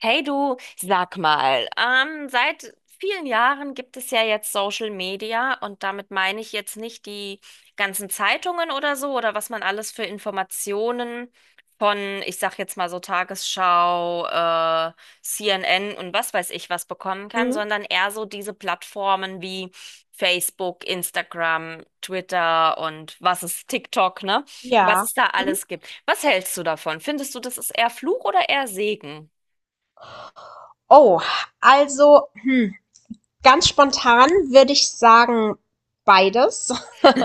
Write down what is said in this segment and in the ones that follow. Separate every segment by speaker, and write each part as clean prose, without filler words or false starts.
Speaker 1: Hey du, sag mal, seit vielen Jahren gibt es ja jetzt Social Media, und damit meine ich jetzt nicht die ganzen Zeitungen oder so oder was man alles für Informationen von, ich sag jetzt mal, so Tagesschau, CNN und was weiß ich was bekommen kann,
Speaker 2: Mhm.
Speaker 1: sondern eher so diese Plattformen wie Facebook, Instagram, Twitter und was ist TikTok, ne? Was
Speaker 2: Ja.
Speaker 1: es da
Speaker 2: Mhm.
Speaker 1: alles gibt. Was hältst du davon? Findest du, das ist eher Fluch oder eher Segen?
Speaker 2: Oh, also, hm, ganz spontan würde ich sagen, beides.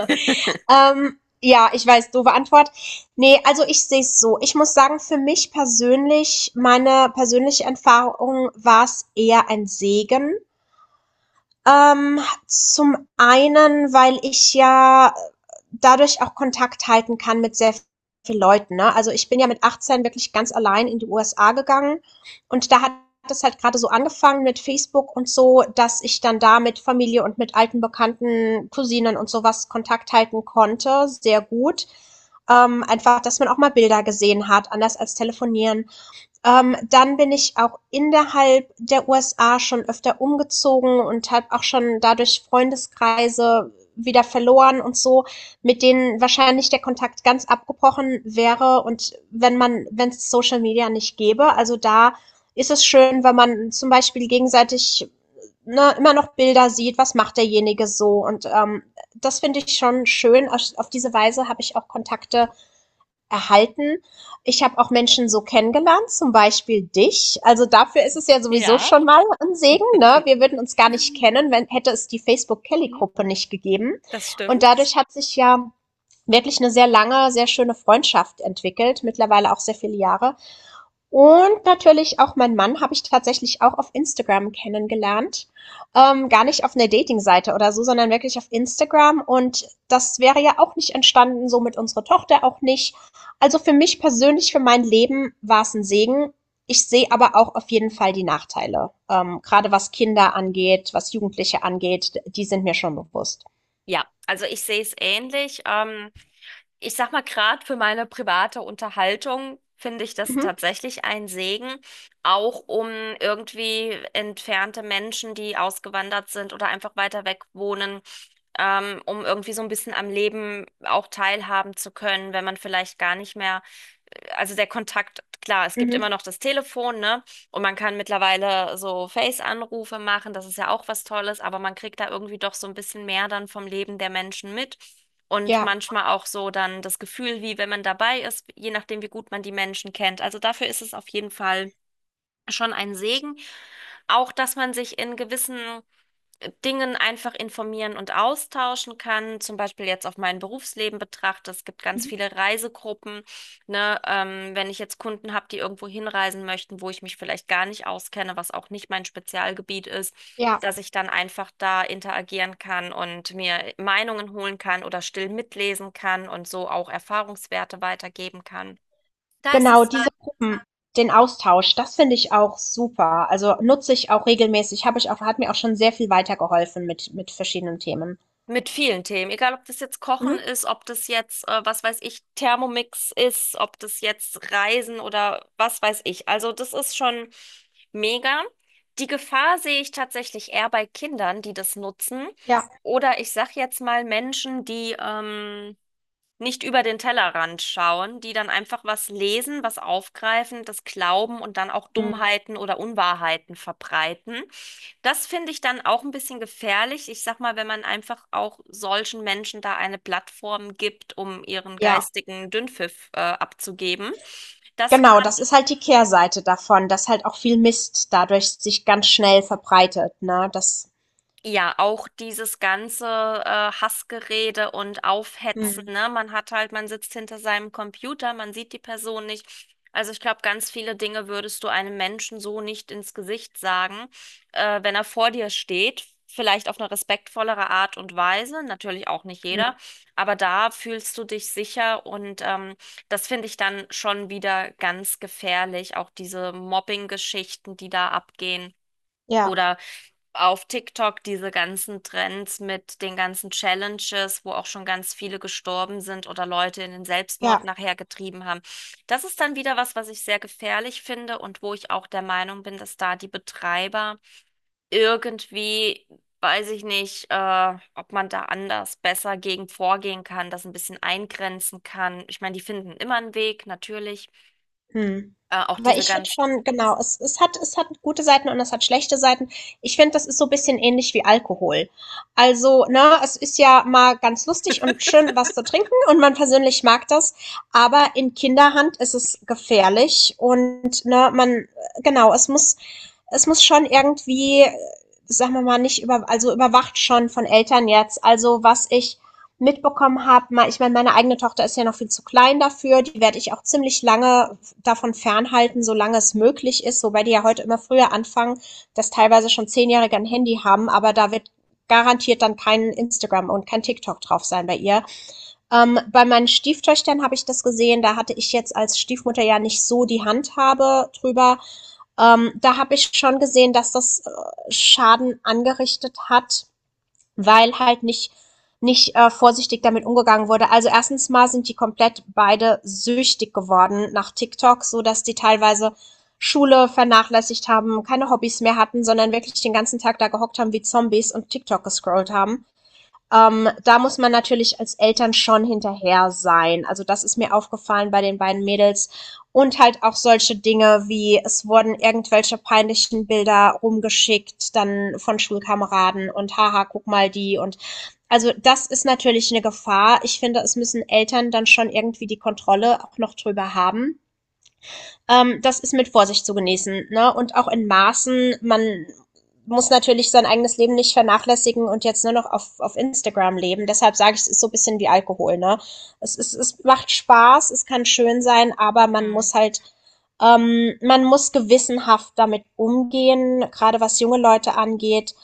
Speaker 2: Ja, ich weiß, doofe Antwort. Nee, also ich sehe es so. Ich muss sagen, für mich persönlich, meine persönliche Erfahrung war es eher ein Segen. Ähm, zum einen, weil ich ja dadurch auch Kontakt halten kann mit sehr vielen Leuten, ne? Also, ich bin ja mit 18 wirklich ganz allein in die USA gegangen und da hat es halt gerade so angefangen mit Facebook und so, dass ich dann da mit Familie und mit alten Bekannten, Cousinen und sowas Kontakt halten konnte, sehr gut. Einfach, dass man auch mal Bilder gesehen hat, anders als telefonieren. Dann bin ich auch innerhalb der USA schon öfter umgezogen und habe auch schon dadurch Freundeskreise wieder verloren und so, mit denen wahrscheinlich der Kontakt ganz abgebrochen wäre, und wenn es Social Media nicht gäbe. Also da ist es schön, wenn man zum Beispiel gegenseitig, ne, immer noch Bilder sieht, was macht derjenige so, und das finde ich schon schön. Auf diese Weise habe ich auch Kontakte erhalten. Ich habe auch Menschen so kennengelernt, zum Beispiel dich. Also dafür ist es ja sowieso
Speaker 1: Ja.
Speaker 2: schon mal ein Segen. Ne? Wir würden uns gar nicht kennen, wenn, hätte es die Facebook-Kelly-Gruppe nicht gegeben.
Speaker 1: Das
Speaker 2: Und
Speaker 1: stimmt.
Speaker 2: dadurch hat sich ja wirklich eine sehr lange, sehr schöne Freundschaft entwickelt, mittlerweile auch sehr viele Jahre. Und natürlich auch mein Mann, habe ich tatsächlich auch auf Instagram kennengelernt. Gar nicht auf einer Dating-Seite oder so, sondern wirklich auf Instagram. Und das wäre ja auch nicht entstanden, so mit unserer Tochter auch nicht. Also, für mich persönlich, für mein Leben war es ein Segen. Ich sehe aber auch auf jeden Fall die Nachteile, grade was Kinder angeht, was Jugendliche angeht, die sind mir schon bewusst.
Speaker 1: Ja, also ich sehe es ähnlich. Ich sag mal, gerade für meine private Unterhaltung finde ich das
Speaker 2: Mhm,
Speaker 1: tatsächlich ein Segen, auch um irgendwie entfernte Menschen, die ausgewandert sind oder einfach weiter weg wohnen, um irgendwie so ein bisschen am Leben auch teilhaben zu können, wenn man vielleicht gar nicht mehr, also der Kontakt, klar, es gibt
Speaker 2: mhm,
Speaker 1: immer noch das Telefon, ne? Und man kann mittlerweile so Face-Anrufe machen, das ist ja auch was Tolles, aber man kriegt da irgendwie doch so ein bisschen mehr dann vom Leben der Menschen mit. Und
Speaker 2: ja,
Speaker 1: manchmal auch so dann das Gefühl, wie wenn man dabei ist, je nachdem, wie gut man die Menschen kennt. Also dafür ist es auf jeden Fall schon ein Segen. Auch, dass man sich in gewissen Dingen einfach informieren und austauschen kann. Zum Beispiel jetzt auf mein Berufsleben betrachte. Es gibt ganz
Speaker 2: mhm,
Speaker 1: viele Reisegruppen, ne? Wenn ich jetzt Kunden habe, die irgendwo hinreisen möchten, wo ich mich vielleicht gar nicht auskenne, was auch nicht mein Spezialgebiet ist,
Speaker 2: ja.
Speaker 1: dass ich dann einfach da interagieren kann und mir Meinungen holen kann oder still mitlesen kann und so auch Erfahrungswerte weitergeben kann. Da ist
Speaker 2: Genau,
Speaker 1: es
Speaker 2: diese Gruppen, den Austausch, das finde ich auch super. Also nutze ich auch regelmäßig, habe ich auch, hat mir auch schon sehr viel weitergeholfen mit verschiedenen Themen.
Speaker 1: mit vielen Themen, egal ob das jetzt Kochen
Speaker 2: Mhm.
Speaker 1: ist, ob das jetzt, was weiß ich, Thermomix ist, ob das jetzt Reisen oder was weiß ich. Also das ist schon mega. Die Gefahr sehe ich tatsächlich eher bei Kindern, die das nutzen.
Speaker 2: Ja.
Speaker 1: Oder ich sag jetzt mal Menschen, die, nicht über den Tellerrand schauen, die dann einfach was lesen, was aufgreifen, das glauben und dann auch
Speaker 2: Mhm.
Speaker 1: Dummheiten oder Unwahrheiten verbreiten. Das finde ich dann auch ein bisschen gefährlich. Ich sag mal, wenn man einfach auch solchen Menschen da eine Plattform gibt, um ihren
Speaker 2: Ja,
Speaker 1: geistigen Dünnpfiff, abzugeben. Das
Speaker 2: genau,
Speaker 1: kann
Speaker 2: das ist halt die Kehrseite davon, dass halt auch viel Mist dadurch sich ganz schnell verbreitet, ne?
Speaker 1: ja, auch dieses ganze, Hassgerede und Aufhetzen,
Speaker 2: Mhm.
Speaker 1: ne? Man hat halt, man sitzt hinter seinem Computer, man sieht die Person nicht. Also ich glaube, ganz viele Dinge würdest du einem Menschen so nicht ins Gesicht sagen, wenn er vor dir steht. Vielleicht auf eine respektvollere Art und Weise, natürlich auch nicht
Speaker 2: Mhm.
Speaker 1: jeder, aber da fühlst du dich sicher, und das finde ich dann schon wieder ganz gefährlich, auch diese Mobbing-Geschichten, die da abgehen.
Speaker 2: Ja,
Speaker 1: Oder auf TikTok diese ganzen Trends mit den ganzen Challenges, wo auch schon ganz viele gestorben sind oder Leute in den Selbstmord
Speaker 2: ja.
Speaker 1: nachher getrieben haben. Das ist dann wieder was, was ich sehr gefährlich finde und wo ich auch der Meinung bin, dass da die Betreiber irgendwie, weiß ich nicht, ob man da anders besser gegen vorgehen kann, das ein bisschen eingrenzen kann. Ich meine, die finden immer einen Weg, natürlich.
Speaker 2: Hm.
Speaker 1: Auch
Speaker 2: Aber
Speaker 1: diese
Speaker 2: ich finde
Speaker 1: ganz,
Speaker 2: schon, genau, es hat, es hat gute Seiten und es hat schlechte Seiten. Ich finde, das ist so ein bisschen ähnlich wie Alkohol. Also, ne, es ist ja mal ganz lustig und schön, was zu trinken, und man persönlich mag das, aber in Kinderhand ist es gefährlich und, ne, man, genau, es muss, es muss schon irgendwie, sagen wir mal, nicht über, also überwacht schon von Eltern jetzt. Also, was ich mitbekommen habe, mal, ich meine, meine eigene Tochter ist ja noch viel zu klein dafür, die werde ich auch ziemlich lange davon fernhalten, solange es möglich ist, wobei die ja heute immer früher anfangen, dass teilweise schon Zehnjährige ein Handy haben, aber da wird garantiert dann kein Instagram und kein TikTok drauf sein bei ihr. Bei meinen Stieftöchtern habe ich das gesehen, da hatte ich jetzt als Stiefmutter ja nicht so die Handhabe drüber. Da habe ich schon gesehen, dass das Schaden angerichtet hat, weil halt nicht vorsichtig damit umgegangen wurde. Also erstens mal sind die komplett beide süchtig geworden nach TikTok, so dass die teilweise Schule vernachlässigt haben, keine Hobbys mehr hatten, sondern wirklich den ganzen Tag da gehockt haben wie Zombies und TikTok gescrollt haben. Da muss man natürlich als Eltern schon hinterher sein. Also das ist mir aufgefallen bei den beiden Mädels. Und halt auch solche Dinge wie, es wurden irgendwelche peinlichen Bilder rumgeschickt, dann von Schulkameraden und haha, guck mal die und, also das ist natürlich eine Gefahr. Ich finde, es müssen Eltern dann schon irgendwie die Kontrolle auch noch drüber haben. Das ist mit Vorsicht zu genießen, ne? Und auch in Maßen, man muss natürlich sein eigenes Leben nicht vernachlässigen und jetzt nur noch auf Instagram leben. Deshalb sage ich, es ist so ein bisschen wie Alkohol, ne? Es macht Spaß, es kann schön sein, aber man muss halt, man muss gewissenhaft damit umgehen, gerade was junge Leute angeht.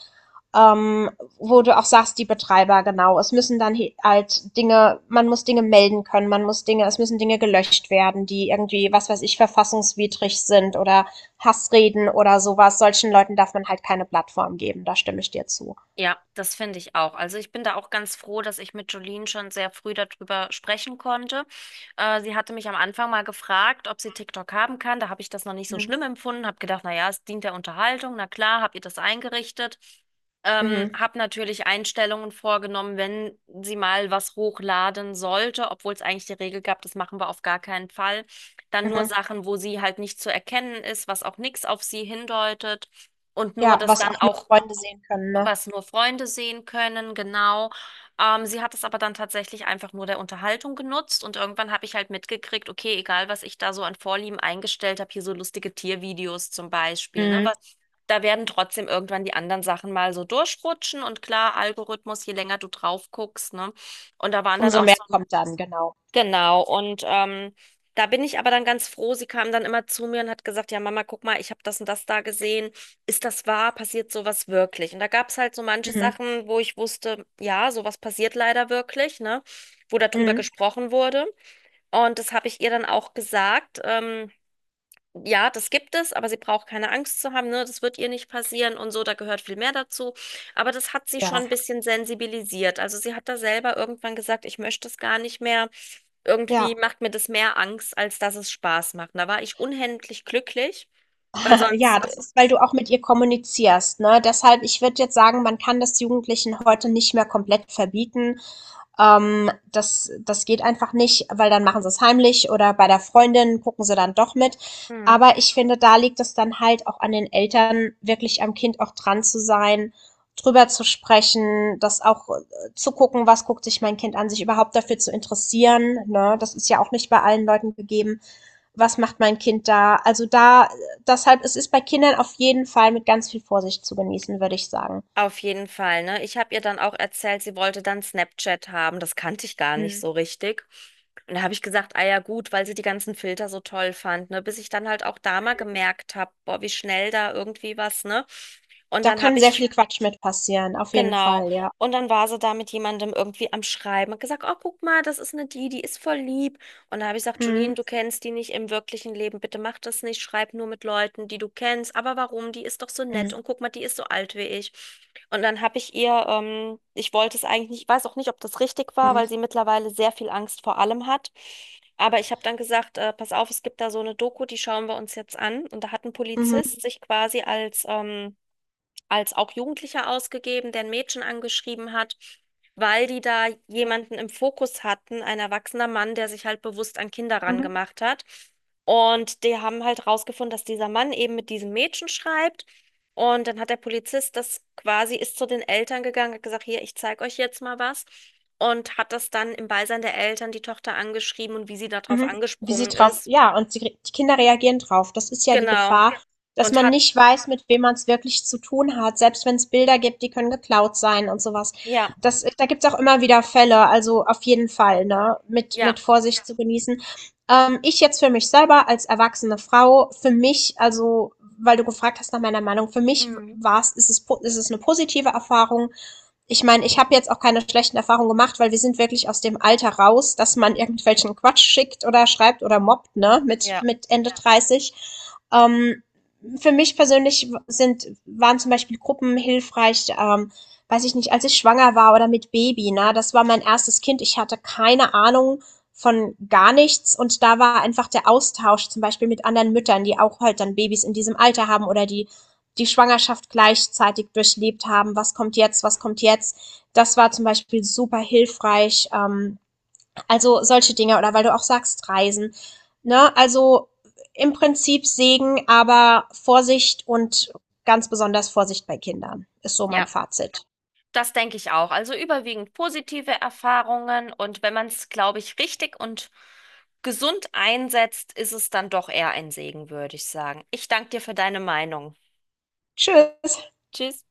Speaker 2: Ähm, wo du auch sagst, die Betreiber, genau. Es müssen dann halt Dinge, man muss Dinge melden können, man muss Dinge, es müssen Dinge gelöscht werden, die irgendwie, was weiß ich, verfassungswidrig sind, oder Hassreden oder sowas. Solchen Leuten darf man halt keine Plattform geben, da stimme ich dir zu.
Speaker 1: ja, das finde ich auch. Also ich bin da auch ganz froh, dass ich mit Jolene schon sehr früh darüber sprechen konnte. Sie hatte mich am Anfang mal gefragt, ob sie TikTok haben kann. Da habe ich das noch nicht so
Speaker 2: Mhm.
Speaker 1: schlimm empfunden, habe gedacht, na ja, es dient der Unterhaltung. Na klar, habe ihr das eingerichtet.
Speaker 2: Mhm.
Speaker 1: Habe natürlich Einstellungen vorgenommen, wenn sie mal was hochladen sollte, obwohl es eigentlich die Regel gab, das machen wir auf gar keinen Fall. Dann nur
Speaker 2: Mhm.
Speaker 1: Sachen, wo sie halt nicht zu erkennen ist, was auch nichts auf sie hindeutet. Und nur
Speaker 2: Ja,
Speaker 1: das
Speaker 2: was
Speaker 1: dann
Speaker 2: auch nur
Speaker 1: auch,
Speaker 2: Freunde sehen können, ne?
Speaker 1: was nur Freunde sehen können, genau. Sie hat es aber dann tatsächlich einfach nur der Unterhaltung genutzt, und irgendwann habe ich halt mitgekriegt, okay, egal was ich da so an Vorlieben eingestellt habe, hier so lustige Tiervideos zum Beispiel, ne?
Speaker 2: Mhm.
Speaker 1: Weil da werden trotzdem irgendwann die anderen Sachen mal so durchrutschen, und klar, Algorithmus, je länger du drauf guckst, ne? Und da waren dann
Speaker 2: Umso
Speaker 1: auch
Speaker 2: mehr
Speaker 1: so,
Speaker 2: kommt dann, genau.
Speaker 1: genau, und da bin ich aber dann ganz froh. Sie kam dann immer zu mir und hat gesagt, ja Mama, guck mal, ich habe das und das da gesehen. Ist das wahr? Passiert sowas wirklich? Und da gab es halt so manche
Speaker 2: Mhm.
Speaker 1: Sachen, wo ich wusste, ja, sowas passiert leider wirklich, ne? Wo darüber
Speaker 2: Mhm.
Speaker 1: gesprochen wurde. Und das habe ich ihr dann auch gesagt. Ja, das gibt es, aber sie braucht keine Angst zu haben, ne? Das wird ihr nicht passieren und so, da gehört viel mehr dazu. Aber das hat sie schon
Speaker 2: Ja,
Speaker 1: ein bisschen sensibilisiert. Also sie hat da selber irgendwann gesagt, ich möchte es gar nicht mehr. Irgendwie
Speaker 2: ja,
Speaker 1: macht mir das mehr Angst, als dass es Spaß macht. Da war ich unendlich glücklich, weil sonst.
Speaker 2: ja, das ist, weil du auch mit ihr kommunizierst, ne? Deshalb, ich würde jetzt sagen, man kann das Jugendlichen heute nicht mehr komplett verbieten. Das geht einfach nicht, weil dann machen sie es heimlich oder bei der Freundin gucken sie dann doch mit. Aber ich finde, da liegt es dann halt auch an den Eltern, wirklich am Kind auch dran zu sein, drüber zu sprechen, das auch zu gucken, was guckt sich mein Kind an, sich überhaupt dafür zu interessieren. Ne? Das ist ja auch nicht bei allen Leuten gegeben. Was macht mein Kind da? Also da, deshalb, es ist bei Kindern auf jeden Fall mit ganz viel Vorsicht zu genießen, würde ich sagen.
Speaker 1: Auf jeden Fall, ne? Ich habe ihr dann auch erzählt, sie wollte dann Snapchat haben. Das kannte ich gar nicht
Speaker 2: Hm.
Speaker 1: so richtig. Und da habe ich gesagt, ah ja gut, weil sie die ganzen Filter so toll fand, ne? Bis ich dann halt auch da mal gemerkt habe, boah, wie schnell da irgendwie was, ne? Und
Speaker 2: Da
Speaker 1: dann
Speaker 2: kann
Speaker 1: habe
Speaker 2: sehr
Speaker 1: ich,
Speaker 2: viel Quatsch mit passieren, auf jeden
Speaker 1: genau.
Speaker 2: Fall, ja.
Speaker 1: Und dann war sie da mit jemandem irgendwie am Schreiben und gesagt, oh, guck mal, das ist eine, die, die ist voll lieb. Und da habe ich gesagt, Jolene,
Speaker 2: Mhm.
Speaker 1: du kennst die nicht im wirklichen Leben, bitte mach das nicht, schreib nur mit Leuten, die du kennst. Aber warum? Die ist doch so nett,
Speaker 2: Mhm.
Speaker 1: und guck mal, die ist so alt wie ich. Und dann habe ich ihr, ich wollte es eigentlich nicht, ich weiß auch nicht, ob das richtig war,
Speaker 2: Mhm.
Speaker 1: weil sie mittlerweile sehr viel Angst vor allem hat. Aber ich habe dann gesagt, pass auf, es gibt da so eine Doku, die schauen wir uns jetzt an. Und da hat ein
Speaker 2: Mhm.
Speaker 1: Polizist sich quasi als, als auch Jugendlicher ausgegeben, der ein Mädchen angeschrieben hat, weil die da
Speaker 2: Ja.
Speaker 1: jemanden im Fokus hatten, ein erwachsener Mann, der sich halt bewusst an Kinder
Speaker 2: Mhm.
Speaker 1: rangemacht hat. Und die haben halt rausgefunden, dass dieser Mann eben mit diesem Mädchen schreibt. Und dann hat der Polizist das quasi, ist zu den Eltern gegangen, hat gesagt, hier, ich zeige euch jetzt mal was. Und hat das dann im Beisein der Eltern die Tochter angeschrieben und wie sie darauf
Speaker 2: Mhm. Wie sie
Speaker 1: angesprungen
Speaker 2: drauf
Speaker 1: ist.
Speaker 2: ja, und sie die Kinder reagieren drauf. Das ist ja die
Speaker 1: Genau.
Speaker 2: Gefahr. Ja. Dass
Speaker 1: Und
Speaker 2: man
Speaker 1: hat,
Speaker 2: nicht weiß, mit wem man es wirklich zu tun hat, selbst wenn es Bilder gibt, die können geklaut sein und sowas.
Speaker 1: ja,
Speaker 2: Das, da gibt es auch immer wieder Fälle, also auf jeden Fall, ne, mit
Speaker 1: ja,
Speaker 2: mit Ja. Vorsicht zu genießen. Ich jetzt für mich selber als erwachsene Frau, für mich also, weil du gefragt hast nach meiner Meinung, für mich
Speaker 1: mhm.
Speaker 2: war es, ist es eine positive Erfahrung. Ich meine, ich habe jetzt auch keine schlechten Erfahrungen gemacht, weil wir sind wirklich aus dem Alter raus, dass man irgendwelchen Quatsch schickt oder schreibt oder mobbt, ne, mit,
Speaker 1: Ja.
Speaker 2: mit Ende 30. Ähm, für mich persönlich sind, waren zum Beispiel Gruppen hilfreich, weiß ich nicht, als ich schwanger war oder mit Baby, ne, das war mein erstes Kind, ich hatte keine Ahnung von gar nichts, und da war einfach der Austausch zum Beispiel mit anderen Müttern, die auch halt dann Babys in diesem Alter haben, oder die die Schwangerschaft gleichzeitig durchlebt haben, was kommt jetzt, was kommt jetzt. Das war zum Beispiel super hilfreich. Also solche Dinge, oder weil du auch sagst, Reisen. Ne? Also im Prinzip Segen, aber Vorsicht und ganz besonders Vorsicht bei Kindern ist so mein
Speaker 1: Ja.
Speaker 2: Fazit.
Speaker 1: Das denke ich auch. Also überwiegend positive Erfahrungen, und wenn man es, glaube ich, richtig und gesund einsetzt, ist es dann doch eher ein Segen, würde ich sagen. Ich danke dir für deine Meinung.
Speaker 2: Tschüss.
Speaker 1: Tschüss.